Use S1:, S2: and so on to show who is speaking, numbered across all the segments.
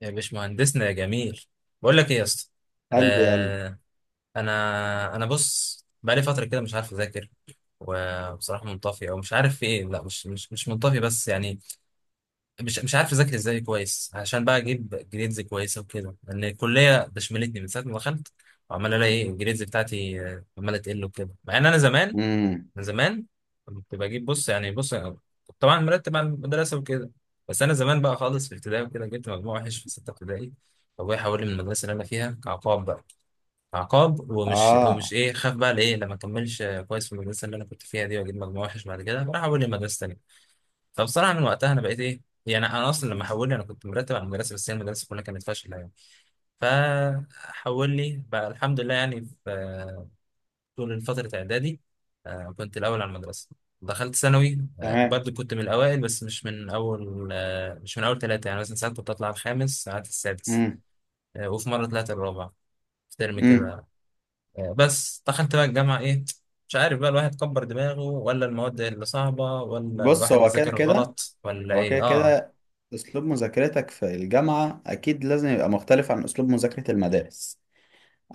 S1: يا باشمهندسنا يا جميل. بقول لك ايه يا اسطى؟
S2: قلب يا قلب.
S1: آه. انا بص، بقالي فتره كده مش عارف اذاكر. وبصراحه منطفي او مش عارف في ايه. لا مش منطفي بس يعني مش عارف اذاكر ازاي كويس، عشان بقى اجيب جريدز كويسه وكده، لان الكليه ده شملتني من ساعه ما دخلت. وعمال الاقي ايه، الجريدز بتاعتي آه، عماله تقل وكده، مع ان انا زمان،
S2: مم.
S1: انا زمان كنت بجيب، بص يعني، بص كنت طبعا مرتب على المدرسه وكده. بس انا زمان بقى خالص في ابتدائي وكده، جبت مجموع وحش في سته ابتدائي، فابويا حولني من المدرسه اللي انا فيها كعقاب بقى. عقاب ومش
S2: اه،
S1: ايه، خاف بقى لايه لما اكملش كويس في المدرسه اللي انا كنت فيها دي واجيب مجموع وحش بعد كده، فراح حولني لمدرسه تانيه. فبصراحه من وقتها انا بقيت ايه يعني، انا اصلا لما حولني انا كنت مرتب على المدرسه، بس هي المدرسه كلها كانت فاشله يعني. فحولني بقى الحمد لله، يعني في طول فترة إعدادي آه، كنت الأول على المدرسة. دخلت ثانوي آه،
S2: تمام.
S1: برضه كنت من الأوائل، بس مش من أول آه، مش من أول ثلاثة يعني، مثلا ساعات كنت أطلع الخامس ساعات السادس.
S2: مم.
S1: آه، وفي مرة طلعت الرابع في ترم
S2: مم.
S1: كده. آه، بس دخلت بقى الجامعة، إيه، مش عارف بقى، الواحد كبر دماغه ولا المواد اللي صعبة ولا
S2: بص،
S1: الواحد
S2: هو كده
S1: بيذاكر
S2: كده.
S1: غلط ولا
S2: هو كده
S1: إيه؟ آه.
S2: كده اسلوب مذاكرتك في الجامعة اكيد لازم يبقى مختلف عن اسلوب مذاكرة المدارس.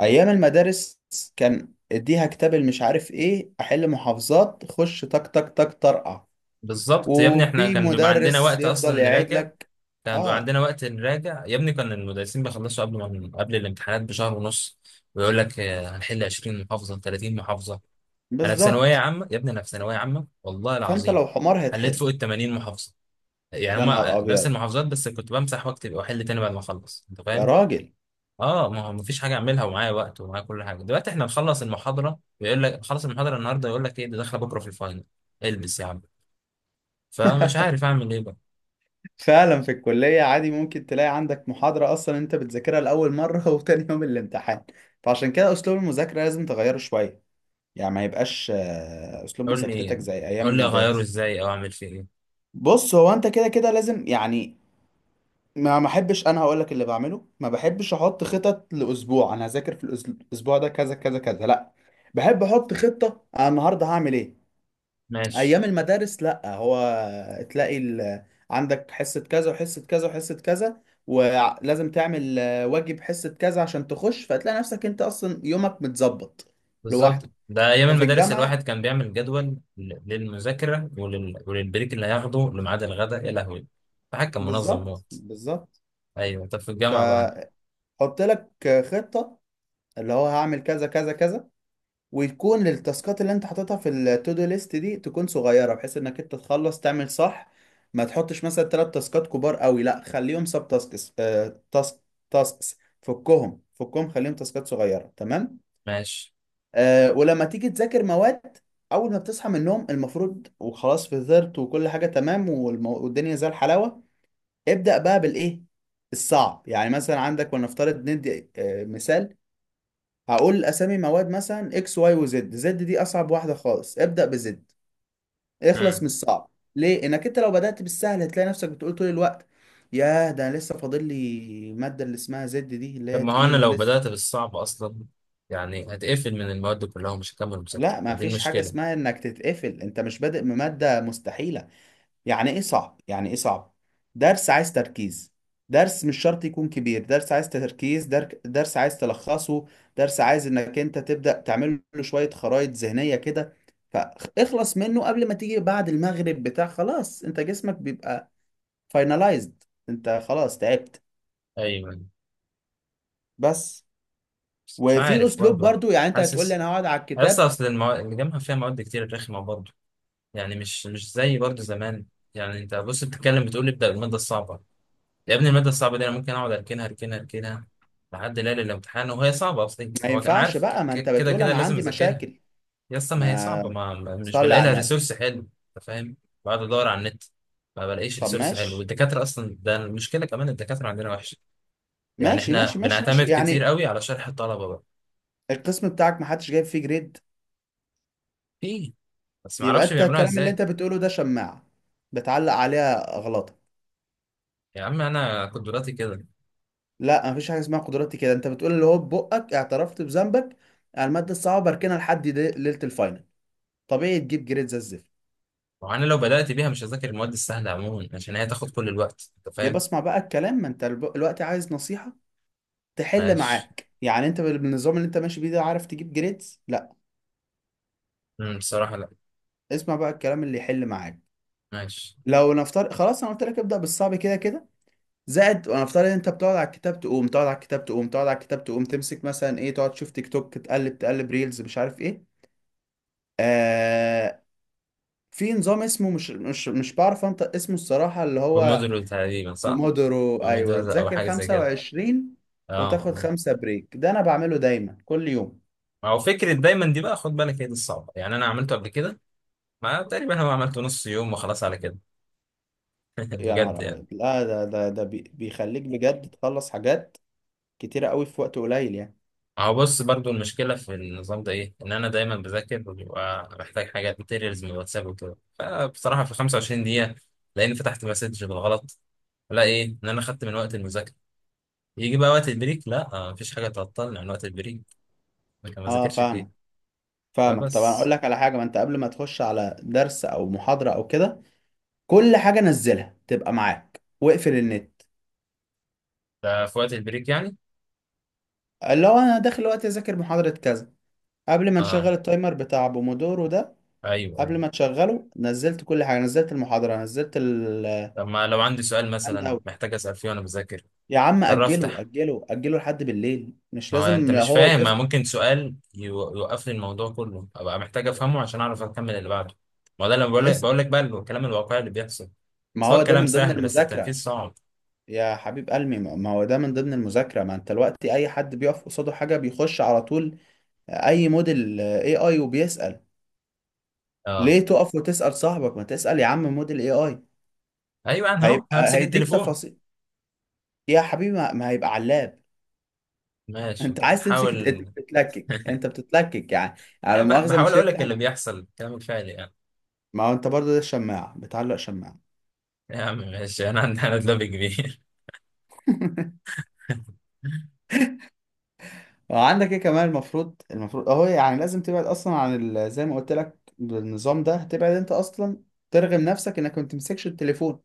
S2: ايام المدارس كان اديها كتاب، مش عارف ايه، احل محافظات، خش تك تك تك طرقع.
S1: بالظبط يا ابني، إحنا
S2: وفي
S1: كان بيبقى عندنا
S2: مدرس
S1: وقت
S2: يفضل
S1: أصلا
S2: يعيد
S1: نراجع.
S2: لك.
S1: كان بيبقى
S2: اه،
S1: عندنا وقت نراجع يا ابني، كان المدرسين بيخلصوا قبل ما، قبل الامتحانات بشهر ونص، ويقول لك آه، هنحل 20 محافظة 30 محافظة. انا في ثانوية
S2: بالظبط.
S1: عامة يا ابني، انا في ثانوية عامة والله
S2: فانت
S1: العظيم
S2: لو حمار
S1: حليت فوق
S2: هتحل.
S1: ال 80 محافظة. يعني
S2: يا نهار
S1: هما آه، نفس
S2: ابيض!
S1: المحافظات، بس كنت بمسح واكتب واحل تاني بعد ما اخلص، انت
S2: يا
S1: فاهم.
S2: راجل!
S1: اه، ما هو مفيش حاجة اعملها، ومعايا وقت ومعايا كل حاجة. دلوقتي احنا نخلص المحاضرة يقول لك خلص المحاضرة النهاردة يقول لك ايه، ده داخلة بكرة في الفاينل. البس يا عم. فمش عارف اعمل ايه بقى.
S2: فعلا في الكلية عادي ممكن تلاقي عندك محاضرة أصلا أنت بتذاكرها لأول مرة وتاني يوم الامتحان. فعشان كده أسلوب المذاكرة لازم تغيره شوية، يعني ما يبقاش أسلوب
S1: قول لي،
S2: مذاكرتك زي أيام
S1: قول لي اغيره
S2: المدارس.
S1: ازاي او اعمل فيه ايه.
S2: بص، هو أنت كده كده لازم، يعني ما أحبش. أنا هقولك اللي بعمله: ما بحبش أحط خطط لأسبوع. أنا هذاكر في الأسبوع ده كذا كذا كذا، لأ، بحب أحط خطة أنا النهاردة هعمل إيه.
S1: ماشي.
S2: ايام المدارس لا، هو تلاقي عندك حصة كذا وحصة كذا وحصة كذا، ولازم تعمل واجب حصة كذا عشان تخش، فتلاقي نفسك انت اصلا يومك متظبط
S1: بالظبط،
S2: لوحده.
S1: ده ايام
S2: ففي
S1: المدارس
S2: الجامعة،
S1: الواحد كان بيعمل جدول للمذاكره وللبريك اللي هياخده لميعاد الغداء، يا لهوي. فحد كان منظم
S2: بالظبط
S1: موت.
S2: بالظبط.
S1: ايوه، طب في الجامعه بقى؟
S2: فحط لك خطة اللي هو هعمل كذا كذا كذا، ويكون التاسكات اللي انت حاططها في التو دو ليست دي تكون صغيره بحيث انك انت تخلص تعمل صح. ما تحطش مثلا 3 تاسكات كبار قوي، لا، خليهم سب تاسكس، آه تاسك، تاسكس، فكهم فكهم، خليهم تاسكات صغيره. تمام.
S1: ماشي.
S2: ولما تيجي تذاكر مواد، اول ما بتصحى من النوم المفروض وخلاص فطرت وكل حاجه تمام، والدنيا زي الحلاوه، ابدا بقى بالايه الصعب. يعني مثلا عندك، ولنفترض ندي مثال، هقول اسامي مواد مثلا اكس واي وزد. زد دي اصعب واحده خالص، ابدا بزد، اخلص من
S1: امم.
S2: الصعب. ليه؟ انك انت لو بدات بالسهل هتلاقي نفسك بتقول طول الوقت: ياه، ده انا لسه فاضل لي الماده اللي اسمها زد دي اللي
S1: طب
S2: هي
S1: ما هو انا
S2: تقيله
S1: لو
S2: لسه.
S1: بدات بالصعب اصلا يعني هتقفل من المواد كلها ومش هكمل مذاكره،
S2: لا، ما
S1: ودي
S2: فيش حاجه
S1: المشكله.
S2: اسمها انك تتقفل، انت مش بادئ بماده مستحيله. يعني ايه صعب؟ يعني ايه صعب؟ درس عايز تركيز، درس مش شرط يكون كبير، درس عايز تركيز، درس عايز تلخصه، درس عايز انك انت تبدأ تعمل له شوية خرائط ذهنية كده. فاخلص منه قبل ما تيجي بعد المغرب بتاع خلاص انت جسمك بيبقى فاينلايزد، انت خلاص تعبت،
S1: ايوه،
S2: بس.
S1: بس مش
S2: وفي
S1: عارف
S2: اسلوب
S1: برضه.
S2: برضو، يعني انت هتقول لي
S1: حاسس،
S2: انا هقعد على
S1: اصل
S2: الكتاب،
S1: اصل الجامعه فيها مواد كتير رخمه برضه، يعني مش زي برضه زمان. يعني انت بص بتتكلم بتقول ابدا بالماده الصعبه، يا ابني المادة الصعبة دي أنا ممكن أقعد أركنها أركنها أركنها لحد ليلة الامتحان، وهي صعبة أصلا.
S2: ما
S1: هو أنا
S2: ينفعش
S1: عارف
S2: بقى، ما انت
S1: كده
S2: بتقول
S1: كده
S2: انا
S1: لازم
S2: عندي
S1: أذاكرها.
S2: مشاكل.
S1: يا اسطى ما هي صعبة،
S2: ما
S1: مش
S2: صلي
S1: بلاقي
S2: على
S1: لها
S2: النبي.
S1: ريسورس حلو. أنت فاهم. بقعد أدور على النت ما بلاقيش
S2: طب
S1: ريسورس حلو،
S2: ماشي
S1: والدكاترة أصلا ده المشكلة كمان، الدكاترة عندنا وحشة. يعني
S2: ماشي
S1: إحنا
S2: ماشي ماشي ماشي،
S1: بنعتمد كتير
S2: يعني
S1: قوي على شرح الطلبة بقى.
S2: القسم بتاعك محدش جايب فيه جريد؟
S1: في، بس ما
S2: يبقى
S1: أعرفش
S2: انت
S1: بيعملوها
S2: الكلام اللي
S1: إزاي.
S2: انت بتقوله ده شماعة بتعلق عليها غلطة.
S1: يا عم أنا قدراتي كده.
S2: لا، مفيش حاجة اسمها قدراتي كده. انت بتقول اللي هو ببقك اعترفت بذنبك، على المادة الصعبة بركنها لحد ليلة الفاينل، طبيعي تجيب جريد زي الزفت.
S1: وأنا لو بدأت بيها مش هذاكر المواد السهلة عموما عشان هي تاخد كل الوقت، أنت
S2: يا
S1: فاهم.
S2: بسمع بقى الكلام، ما انت الوقت عايز نصيحة تحل
S1: ماشي.
S2: معاك، يعني انت بالنظام اللي انت ماشي بيه ده عارف تجيب جريدز؟ لا.
S1: أمم، بصراحة لا.
S2: اسمع بقى الكلام اللي يحل معاك.
S1: ماشي.
S2: لو نفترض، خلاص، انا قلت لك ابدأ بالصعب كده كده، زائد انا افترض ان انت بتقعد على الكتاب تقوم، تقعد على الكتاب تقوم، تقعد على الكتاب تقوم، تمسك مثلا ايه، تقعد تشوف تيك توك، تقلب تقلب ريلز، مش عارف ايه. آه، في نظام اسمه، مش بعرف انطق اسمه الصراحة، اللي هو
S1: بمودرز تقريبا، صح؟
S2: بومودورو. ايوه،
S1: بمودرز او
S2: تذاكر
S1: حاجه زي كده.
S2: 25 وتاخد
S1: اه.
S2: 5 بريك. ده انا بعمله دايما كل يوم.
S1: ما هو فكره دايما دي بقى، خد بالك هي دي الصعبه، يعني انا عملته قبل كده، ما تقريبا هو عملته نص يوم وخلاص على كده.
S2: يا
S1: بجد
S2: نهار
S1: يعني.
S2: ابيض! لا، بيخليك بجد تخلص حاجات كتيرة قوي في وقت قليل يعني.
S1: هو بص برضو، المشكله في النظام ده ايه، ان انا دايما بذاكر وبيبقى محتاج حاجات ماتيريالز من الواتساب وكده، فبصراحه في 25 دقيقه لاني فتحت مسج بالغلط. لا ايه، ان انا خدت من وقت المذاكره. يجي بقى وقت البريك، لا آه، مفيش حاجه تعطلني عن وقت البريك، لكن ما
S2: اه،
S1: ذاكرش
S2: فاهمك،
S1: فيه.
S2: فاهمك طبعا. اقول
S1: فبس.
S2: لك على حاجة: ما انت قبل ما تخش على درس او محاضرة او كده، كل حاجة نزلها تبقى معاك، واقفل النت.
S1: ده في وقت البريك يعني.
S2: اللي هو انا داخل وقت اذاكر محاضرة كذا، قبل ما نشغل
S1: آه.
S2: التايمر بتاع بومودورو ده،
S1: ايوه
S2: قبل
S1: ايوه.
S2: ما تشغله نزلت كل حاجة، نزلت المحاضرة، نزلت
S1: طب ما لو عندي سؤال
S2: الهاند
S1: مثلا
S2: اوت.
S1: محتاج اسال فيه وانا بذاكر،
S2: يا عم
S1: اضطر
S2: اجله
S1: افتح.
S2: اجله اجله لحد بالليل، مش
S1: ما هو انت
S2: لازم
S1: مش
S2: هو
S1: فاهم، ما
S2: وقفت.
S1: ممكن سؤال يوقف لي الموضوع كله، ابقى محتاج افهمه عشان اعرف اكمل اللي بعده. ما هو ده اللي بقول لك،
S2: اسأل،
S1: بقول لك بقى الكلام الواقعي اللي بيحصل.
S2: ما
S1: بس هو
S2: هو ده
S1: الكلام
S2: من ضمن
S1: سهل، بس التنفيذ
S2: المذاكرة.
S1: صعب.
S2: يا حبيب قلبي، ما هو ده من ضمن المذاكرة. ما انت الوقت اي حد بيقف قصاده حاجة بيخش على طول اي موديل AI وبيسأل،
S1: اه.
S2: ليه تقف وتسأل صاحبك؟ ما تسأل يا عم موديل AI،
S1: ايوه، انا اهو
S2: هيبقى
S1: همسك
S2: هيديك
S1: التليفون.
S2: تفاصيل. يا حبيبي، ما هيبقى علاب.
S1: ماشي
S2: انت
S1: انت
S2: عايز تمسك، انت
S1: بتحاول.
S2: بتتلكك، انت بتتلكك يعني، يعني
S1: أنا
S2: لا مؤاخذة
S1: بحاول
S2: مش
S1: اقول لك
S2: هيفتح
S1: اللي
S2: معاك.
S1: بيحصل، الكلام الفعلي يعني.
S2: ما هو انت برضه ده الشماعة، بتعلق شماعة.
S1: يا عم ماشي انا عندي، انا دلوقتي كبير.
S2: وعندك ايه كمان، المفروض، المفروض اهو، يعني لازم تبعد اصلا عن زي ما قلت لك النظام ده، تبعد انت اصلا ترغم نفسك انك ما تمسكش التليفون،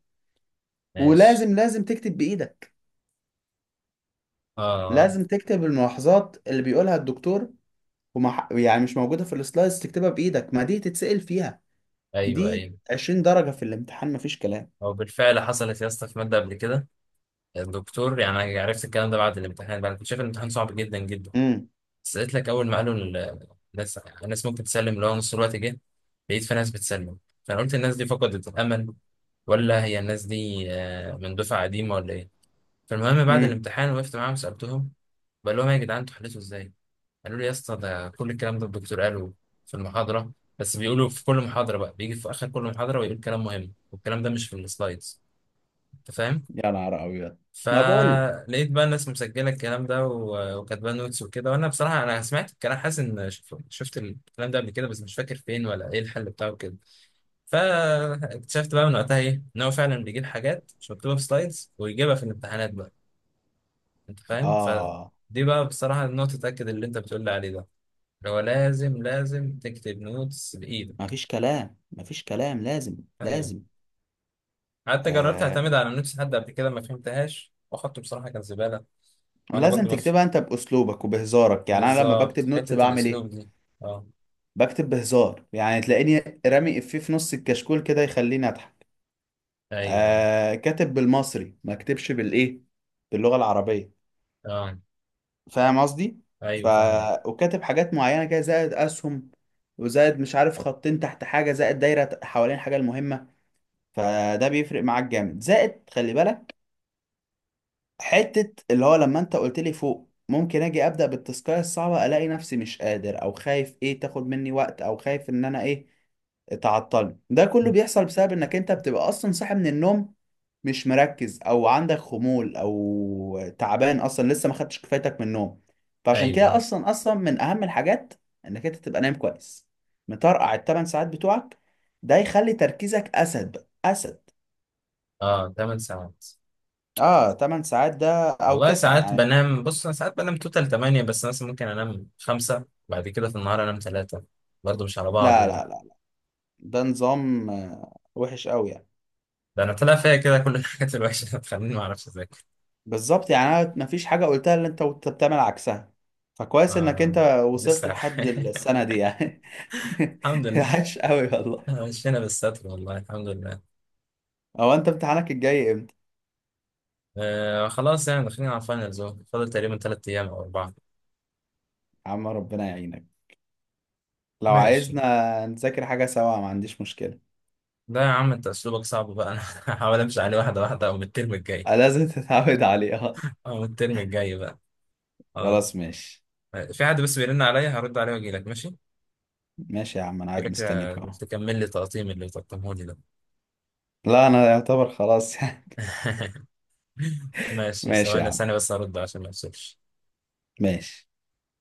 S1: ماشي.
S2: ولازم لازم تكتب بايدك،
S1: اه.
S2: لازم تكتب الملاحظات اللي بيقولها الدكتور، يعني مش موجودة في السلايدز تكتبها بايدك، ما دي تتسأل فيها.
S1: ايوه
S2: دي
S1: ايوه.
S2: 20 درجة في الامتحان مفيش كلام.
S1: هو بالفعل حصلت يا اسطى في ماده قبل كده، الدكتور، يعني عرفت الكلام ده بعد الامتحان بقى. انا كنت شايف الامتحان صعب جدا جدا،
S2: امم.
S1: بس قلت لك اول ما قالوا الناس، الناس ممكن تسلم، اللي هو نص الوقت جه لقيت في ناس بتسلم، فانا قلت الناس دي فقدت الامل، ولا هي الناس دي آه، من دفعه قديمه ولا ايه. فالمهم بعد
S2: امم.
S1: الامتحان وقفت معاهم سالتهم، بقول لهم يا جدعان انتوا حليتوا ازاي، قالوا لي يا اسطى ده كل الكلام ده الدكتور قاله في المحاضره، بس بيقولوا في كل محاضره بقى، بيجي في اخر كل محاضره ويقول كلام مهم والكلام ده مش في السلايدز، انت فاهم.
S2: يا نهار ابيض! ما بقول لك.
S1: فلقيت بقى الناس مسجله الكلام ده وكاتبه نوتس وكده، وانا بصراحه انا سمعت الكلام حاسس ان شفت الكلام ده قبل كده، بس مش فاكر فين ولا ايه الحل بتاعه كده. فاكتشفت بقى من وقتها ايه، ان هو فعلا بيجيب حاجات مش مكتوبه في سلايدز ويجيبها في الامتحانات بقى، انت فاهم.
S2: اه،
S1: فدي بقى بصراحه النقطه تاكد اللي انت بتقول لي عليه ده، اللي هو لازم لازم تكتب نوتس بايدك.
S2: مفيش كلام، مفيش كلام، لازم
S1: ايوه.
S2: لازم.
S1: حتى جربت
S2: آه،
S1: اعتمد على نوتس حد قبل كده ما فهمتهاش، واخدته بصراحه كان زباله. وانا
S2: لازم
S1: برضو.
S2: تكتبها انت باسلوبك وبهزارك. يعني انا لما بكتب
S1: بالظبط،
S2: نوتس
S1: حتة
S2: بعمل ايه؟
S1: الأسلوب دي. اه.
S2: بكتب بهزار، يعني تلاقيني رامي افيه في نص الكشكول كده يخليني اضحك.
S1: أيوه.
S2: آه، كاتب بالمصري، ما اكتبش بالايه، باللغة العربية.
S1: اه.
S2: فاهم قصدي؟ ف
S1: أيوه فاهم.
S2: وكاتب حاجات معينه كده، زائد اسهم، وزائد مش عارف خطين تحت حاجه، زائد دايره حوالين الحاجه المهمه. فده بيفرق معاك جامد. زائد خلي بالك، حتة اللي هو لما انت قلت لي فوق ممكن اجي ابدا بالتاسكايه الصعبه الاقي نفسي مش قادر، او خايف ايه تاخد مني وقت، او خايف ان انا ايه تعطلني، ده كله بيحصل بسبب انك انت بتبقى اصلا صاحي من النوم مش مركز، او عندك خمول، او تعبان اصلا لسه ما خدتش كفايتك من النوم. فعشان كده
S1: أيوه.
S2: اصلا اصلا من اهم الحاجات انك انت تبقى نايم كويس، مطرقع ال 8 ساعات بتوعك. ده يخلي تركيزك اسد بقى اسد.
S1: اه 8 ساعات.
S2: اه، 8 ساعات ده او
S1: والله
S2: 9
S1: ساعات
S2: يعني.
S1: بنام، بص أنا ساعات بنام توتال 8، بس مثلا ممكن أنام 5 بعد كده في النهار أنام 3، برضه مش على بعض
S2: لا
S1: يعني.
S2: لا لا، ده نظام وحش قوي يعني.
S1: ده أنا طلع فيا كده كل الحاجات الوحشة اللي بتخليني ما أعرفش أذاكر.
S2: بالظبط، يعني انا مفيش حاجه قلتها اللي انت وأنت بتعمل عكسها. فكويس انك انت
S1: ما-
S2: وصلت
S1: ولسه.
S2: لحد السنه دي يعني.
S1: الحمد لله.
S2: عاش قوي والله.
S1: مشينا بالستر والله الحمد لله.
S2: هو انت امتحانك الجاي امتى؟
S1: آه خلاص، يعني داخلين على الفاينلز أهو، فاضل تقريبا 3 أيام أو 4.
S2: يا عم ربنا يعينك. لو
S1: ماشي.
S2: عايزنا نذاكر حاجه سوا ما عنديش مشكله.
S1: لا يا عم انت اسلوبك صعب بقى، انا هحاول امشي عليه واحده واحده، او من الترم الجاي،
S2: لازم تتعود عليها.
S1: او من الترم الجاي بقى. اه.
S2: خلاص ماشي.
S1: في حد بس بيرن عليا، هرد عليه واجي لك ماشي؟
S2: ماشي يا عم، انا
S1: اجي
S2: قاعد
S1: لك
S2: مستنيك
S1: آه،
S2: اهو.
S1: تكمل لي تقطيم اللي تقطمه لي ده.
S2: لا انا يعتبر خلاص يعني.
S1: ماشي،
S2: ماشي يا
S1: ثواني،
S2: عم،
S1: ثانيه بس هرد عشان ما افصلش.
S2: ماشي.